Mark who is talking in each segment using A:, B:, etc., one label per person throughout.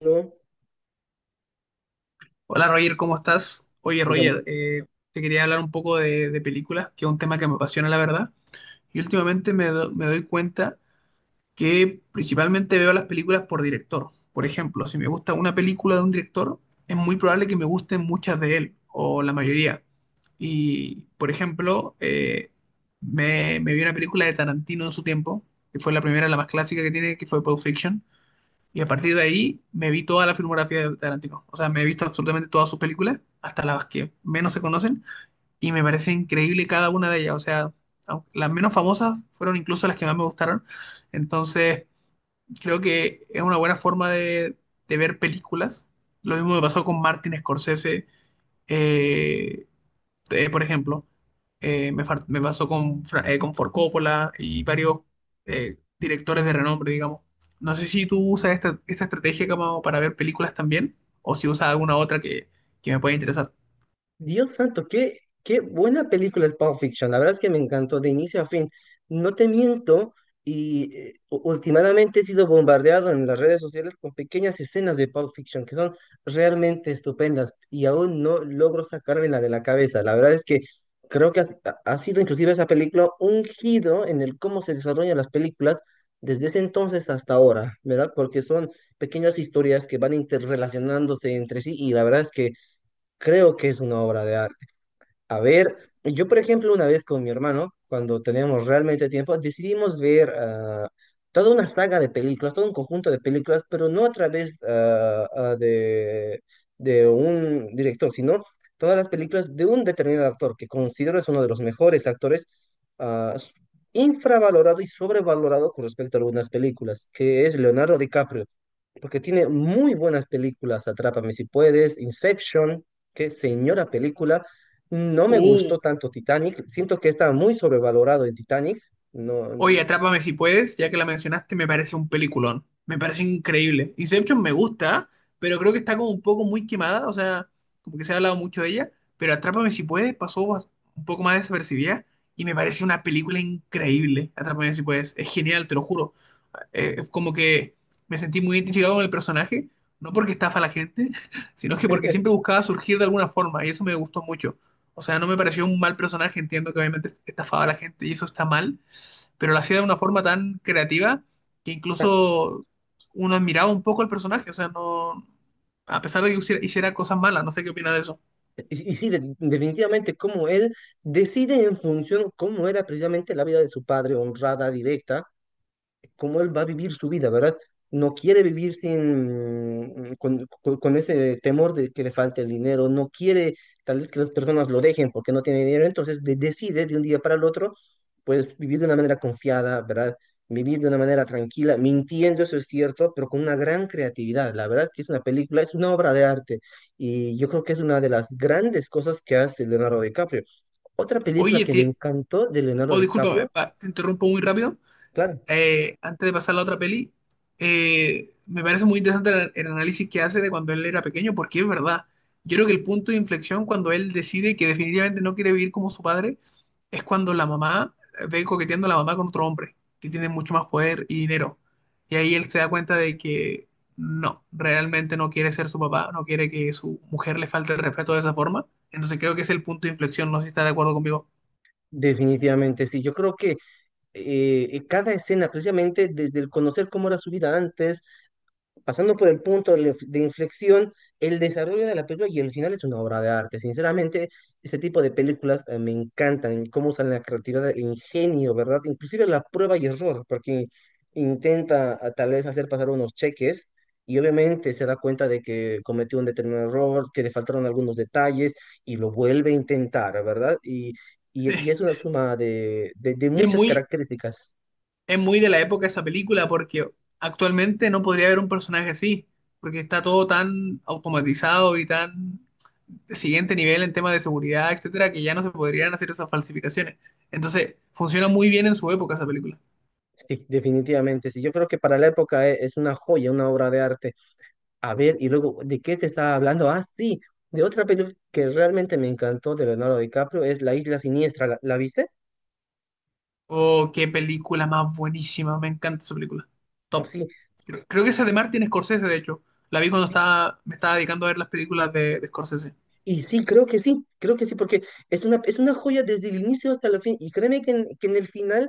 A: No,
B: Hola Roger, ¿cómo estás? Oye
A: digamos,
B: Roger, te quería hablar un poco de películas, que es un tema que me apasiona la verdad. Y últimamente me doy cuenta que principalmente veo las películas por director. Por ejemplo, si me gusta una película de un director, es muy probable que me gusten muchas de él, o la mayoría. Y, por ejemplo, me vi una película de Tarantino en su tiempo, que fue la primera, la más clásica que tiene, que fue Pulp Fiction, y a partir de ahí me vi toda la filmografía de Tarantino. O sea, me he visto absolutamente todas sus películas, hasta las que menos se conocen, y me parece increíble cada una de ellas. O sea, las menos famosas fueron incluso las que más me gustaron. Entonces, creo que es una buena forma de ver películas. Lo mismo me pasó con Martin Scorsese. Eh, por ejemplo, me pasó con Ford Coppola y varios directores de renombre, digamos. No sé si tú usas esta estrategia como para ver películas también, o si usas alguna otra que me pueda interesar.
A: Dios santo, qué, qué buena película es Pulp Fiction. La verdad es que me encantó de inicio a fin. No te miento, y últimamente he sido bombardeado en las redes sociales con pequeñas escenas de Pulp Fiction que son realmente estupendas y aún no logro sacármela de la cabeza. La verdad es que creo que ha sido inclusive esa película un giro en el cómo se desarrollan las películas desde ese entonces hasta ahora, ¿verdad? Porque son pequeñas historias que van interrelacionándose entre sí y la verdad es que creo que es una obra de arte. A ver, yo por ejemplo una vez con mi hermano, cuando teníamos realmente tiempo, decidimos ver toda una saga de películas, todo un conjunto de películas, pero no a través de un director, sino todas las películas de un determinado actor que considero es uno de los mejores actores, ah, s- infravalorado y sobrevalorado con respecto a algunas películas, que es Leonardo DiCaprio porque tiene muy buenas películas, Atrápame si puedes, Inception, qué señora película. No me gustó tanto Titanic, siento que está muy sobrevalorado en Titanic. No,
B: Oye,
A: n-
B: Atrápame si puedes, ya que la mencionaste, me parece un peliculón. Me parece increíble. Inception me gusta, pero creo que está como un poco muy quemada, o sea, como que se ha hablado mucho de ella, pero Atrápame si puedes pasó un poco más desapercibida y me parece una película increíble. Atrápame si puedes, es genial, te lo juro. Es como que me sentí muy identificado con el personaje, no porque estafa a la gente, sino que porque siempre buscaba surgir de alguna forma y eso me gustó mucho. O sea, no me pareció un mal personaje, entiendo que obviamente estafaba a la gente y eso está mal, pero lo hacía de una forma tan creativa que incluso uno admiraba un poco al personaje, o sea, no, a pesar de que hiciera cosas malas, no sé qué opina de eso.
A: Y sí, definitivamente como él decide en función cómo era precisamente la vida de su padre, honrada, directa cómo él va a vivir su vida, ¿verdad? No quiere vivir sin, con ese temor de que le falte el dinero, no quiere tal vez que las personas lo dejen porque no tiene dinero, entonces decide de un día para el otro, pues vivir de una manera confiada, ¿verdad? Vivir de una manera tranquila, mintiendo, eso es cierto, pero con una gran creatividad. La verdad es que es una película, es una obra de arte y yo creo que es una de las grandes cosas que hace Leonardo DiCaprio. Otra película
B: Oye,
A: que me
B: te,
A: encantó de Leonardo
B: oh, discúlpame,
A: DiCaprio,
B: te interrumpo muy rápido,
A: claro,
B: antes de pasar a la otra peli, me parece muy interesante el análisis que hace de cuando él era pequeño, porque es verdad. Yo creo que el punto de inflexión cuando él decide que definitivamente no quiere vivir como su padre es cuando la mamá ve coqueteando a la mamá con otro hombre que tiene mucho más poder y dinero. Y ahí él se da cuenta de que no, realmente no quiere ser su papá, no quiere que su mujer le falte el respeto de esa forma. Entonces creo que es el punto de inflexión, no sé si está de acuerdo conmigo.
A: definitivamente sí, yo creo que cada escena, precisamente desde el conocer cómo era su vida antes, pasando por el punto de, de inflexión, el desarrollo de la película y el final es una obra de arte. Sinceramente, este tipo de películas me encantan, cómo usan la creatividad, el ingenio, ¿verdad? Inclusive la prueba y error, porque intenta a, tal vez hacer pasar unos cheques. Y obviamente se da cuenta de que cometió un determinado error, que le faltaron algunos detalles y lo vuelve a intentar, ¿verdad? Y es una suma de
B: Y es
A: muchas
B: muy,
A: características.
B: Es muy de la época esa película porque actualmente no podría haber un personaje así, porque está todo tan automatizado y tan de siguiente nivel en temas de seguridad, etcétera, que ya no se podrían hacer esas falsificaciones. Entonces, funciona muy bien en su época esa película.
A: Sí, definitivamente, sí. Yo creo que para la época es una joya, una obra de arte. A ver, y luego, ¿de qué te estaba hablando? Ah, sí, de otra película que realmente me encantó de Leonardo DiCaprio, es La Isla Siniestra. La viste?
B: Oh, qué película más buenísima, me encanta esa película.
A: Oh,
B: Top.
A: sí,
B: Creo que esa de Martin Scorsese, de hecho. La vi cuando
A: sí.
B: me estaba dedicando a ver las películas de Scorsese.
A: Y sí, creo que sí, creo que sí, porque es una joya desde el inicio hasta el fin. Y créeme que que en el final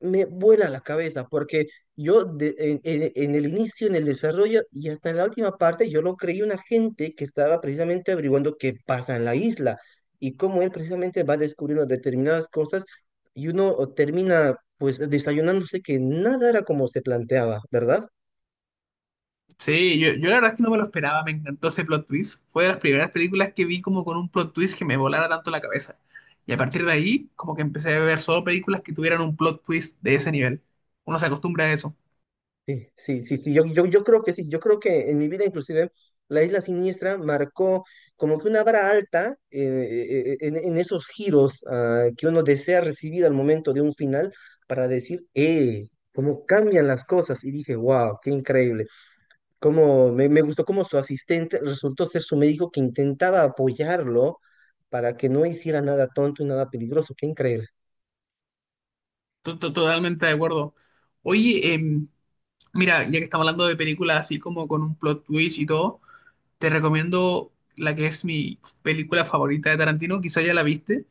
A: me vuela la cabeza porque yo en el inicio, en el desarrollo y hasta en la última parte, yo lo creí un agente que estaba precisamente averiguando qué pasa en la isla y cómo él precisamente va descubriendo determinadas cosas y uno termina pues desayunándose que nada era como se planteaba, ¿verdad?
B: Sí, yo la verdad es que no me lo esperaba, me encantó ese plot twist. Fue de las primeras películas que vi como con un plot twist que me volara tanto la cabeza. Y a partir de ahí, como que empecé a ver solo películas que tuvieran un plot twist de ese nivel. Uno se acostumbra a eso.
A: Sí, sí, sí, sí, yo creo que sí, yo creo que en mi vida inclusive la Isla Siniestra marcó como que una vara alta en esos giros que uno desea recibir al momento de un final para decir, ¡eh! Cómo cambian las cosas. Y dije, wow, qué increíble. Cómo, me gustó cómo su asistente resultó ser su médico que intentaba apoyarlo para que no hiciera nada tonto y nada peligroso. Qué increíble.
B: Totalmente de acuerdo. Oye, mira, ya que estamos hablando de películas así como con un plot twist y todo, te recomiendo la que es mi película favorita de Tarantino, quizá ya la viste,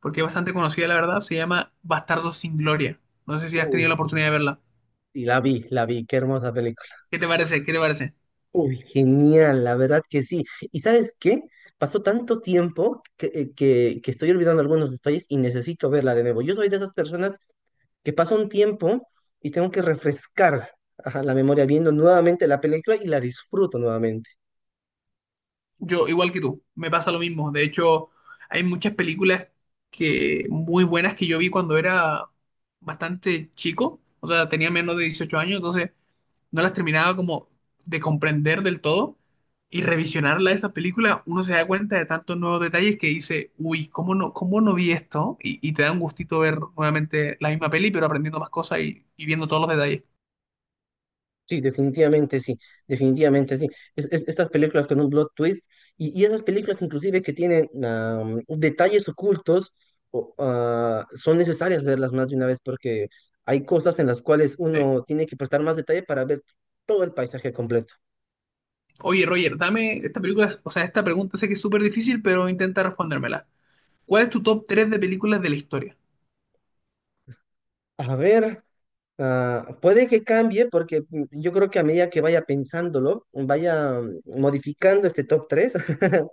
B: porque es bastante conocida, la verdad. Se llama Bastardos sin Gloria. No sé si has tenido la
A: Uy,
B: oportunidad de verla.
A: y la vi, qué hermosa película.
B: ¿Qué te parece? ¿Qué te parece?
A: Uy, genial, la verdad que sí. ¿Y sabes qué? Pasó tanto tiempo que, que estoy olvidando algunos detalles y necesito verla de nuevo. Yo soy de esas personas que pasa un tiempo y tengo que refrescar ajá, la memoria viendo nuevamente la película y la disfruto nuevamente.
B: Yo, igual que tú, me pasa lo mismo. De hecho, hay muchas películas que muy buenas que yo vi cuando era bastante chico, o sea, tenía menos de 18 años, entonces no las terminaba como de comprender del todo. Y revisionarla esa película, uno se da cuenta de tantos nuevos detalles que dice, uy, ¿cómo no vi esto? Y te da un gustito ver nuevamente la misma peli, pero aprendiendo más cosas y viendo todos los detalles.
A: Sí, definitivamente sí, definitivamente sí. Estas películas con un plot twist y esas películas inclusive que tienen detalles ocultos o, ah, son necesarias verlas más de una vez porque hay cosas en las cuales
B: Sí.
A: uno tiene que prestar más detalle para ver todo el paisaje completo.
B: Oye, Roger, dame esta película, o sea, esta pregunta sé que es súper difícil, pero intenta respondérmela. ¿Cuál es tu top 3 de películas de la historia?
A: A ver, ah, puede que cambie porque yo creo que a medida que vaya pensándolo, vaya modificando este top 3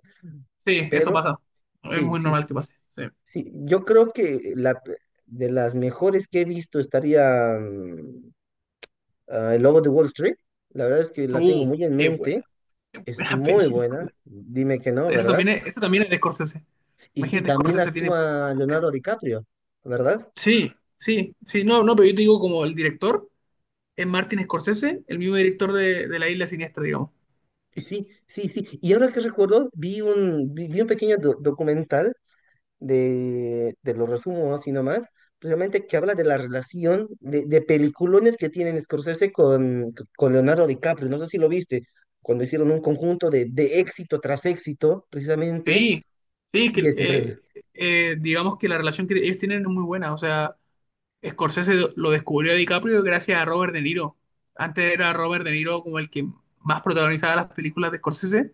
B: Sí, eso
A: pero
B: pasa. Es
A: sí,
B: muy
A: sí.
B: normal que pase. Sí.
A: Sí, yo creo que la, de las mejores que he visto estaría El Lobo de Wall Street. La verdad es que la tengo
B: Uh,
A: muy en
B: qué buena,
A: mente. Es
B: buena
A: muy buena.
B: película.
A: Dime que no, ¿verdad?
B: Eso también es de Scorsese.
A: Y
B: Imagínate,
A: también
B: Scorsese tiene.
A: actúa Leonardo DiCaprio, ¿verdad?
B: Sí, sí, sí, no, no, pero yo te digo como el director es Martin Scorsese, el mismo director de La Isla Siniestra, digamos.
A: Sí, sí, sí. Y ahora que recuerdo, vi un pequeño documental de los resumo así nomás, precisamente que habla de la relación de peliculones que tienen Scorsese con Leonardo DiCaprio, no sé si lo viste, cuando hicieron un conjunto de éxito tras éxito, precisamente,
B: Sí, sí,
A: sí, es increíble.
B: digamos que la relación que ellos tienen es muy buena, o sea, Scorsese lo descubrió a DiCaprio gracias a Robert De Niro. Antes era Robert De Niro como el que más protagonizaba las películas de Scorsese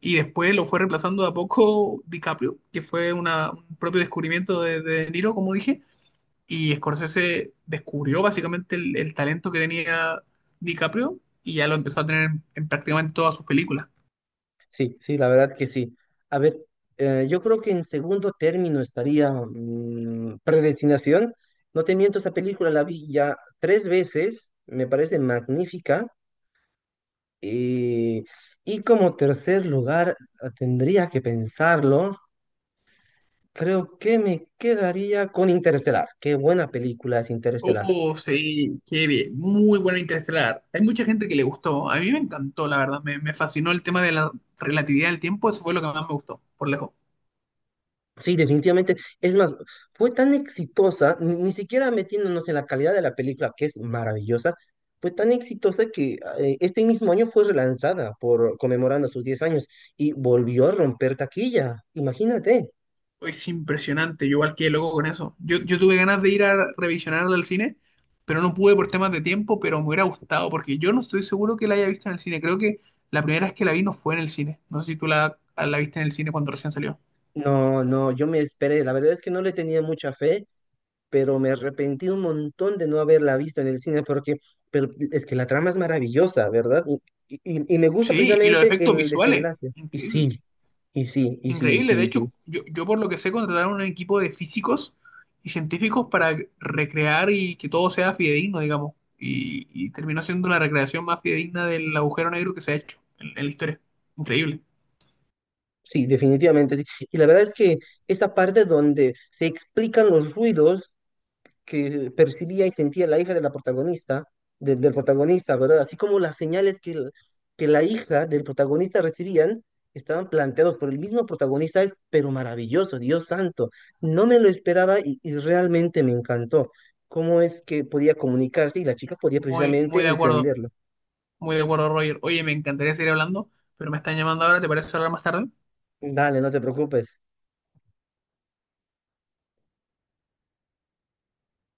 B: y después lo fue reemplazando de a poco DiCaprio, que fue un propio descubrimiento de De Niro, como dije, y Scorsese descubrió básicamente el talento que tenía DiCaprio y ya lo empezó a tener en prácticamente todas sus películas.
A: Sí, sí, la verdad que sí. A ver, yo creo que en segundo término estaría Predestinación. No te miento, esa película la vi ya 3 veces, me parece magnífica. Y, y como tercer lugar, ah, tendría que pensarlo. Creo que me quedaría con Interestelar. Qué buena película es Interestelar.
B: Oh, sí, qué bien. Muy buena Interestelar. Hay mucha gente que le gustó. A mí me encantó, la verdad. Me fascinó el tema de la relatividad del tiempo. Eso fue lo que más me gustó, por lejos.
A: Sí, definitivamente. Es más, fue tan exitosa, ni siquiera metiéndonos en la calidad de la película, que es maravillosa, fue tan exitosa que este mismo año fue relanzada por conmemorando sus 10 años y volvió a romper taquilla. Imagínate.
B: Es impresionante. Yo igual quedé loco con eso. Yo tuve ganas de ir a revisionarla al cine, pero no pude por temas de tiempo, pero me hubiera gustado porque yo no estoy seguro que la haya visto en el cine. Creo que la primera vez que la vi no fue en el cine. No sé si tú la viste en el cine cuando recién salió.
A: No, no, yo me esperé. La verdad es que no le tenía mucha fe. Pero me arrepentí un montón de no haberla visto en el cine porque pero es que la trama es maravillosa, ¿verdad? Y me gusta
B: Sí, y los
A: precisamente
B: efectos
A: el
B: visuales.
A: desenlace. Y
B: Increíble.
A: sí, y sí, y sí,
B: Increíble, de
A: sí,
B: hecho,
A: sí.
B: yo por lo que sé contrataron un equipo de físicos y científicos para recrear y que todo sea fidedigno, digamos. Y terminó siendo la recreación más fidedigna del agujero negro que se ha hecho en la historia. Increíble.
A: Sí, definitivamente sí. Y la verdad es que esa parte donde se explican los ruidos que percibía y sentía la hija de la protagonista, del protagonista, ¿verdad? Así como las señales que, que la hija del protagonista recibían estaban planteados por el mismo protagonista, es pero maravilloso, Dios santo. No me lo esperaba y realmente me encantó cómo es que podía comunicarse y la chica podía
B: Muy,
A: precisamente entenderlo.
B: muy de acuerdo, Roger. Oye, me encantaría seguir hablando, pero me están llamando ahora, ¿te parece hablar más tarde?
A: Dale, no te preocupes.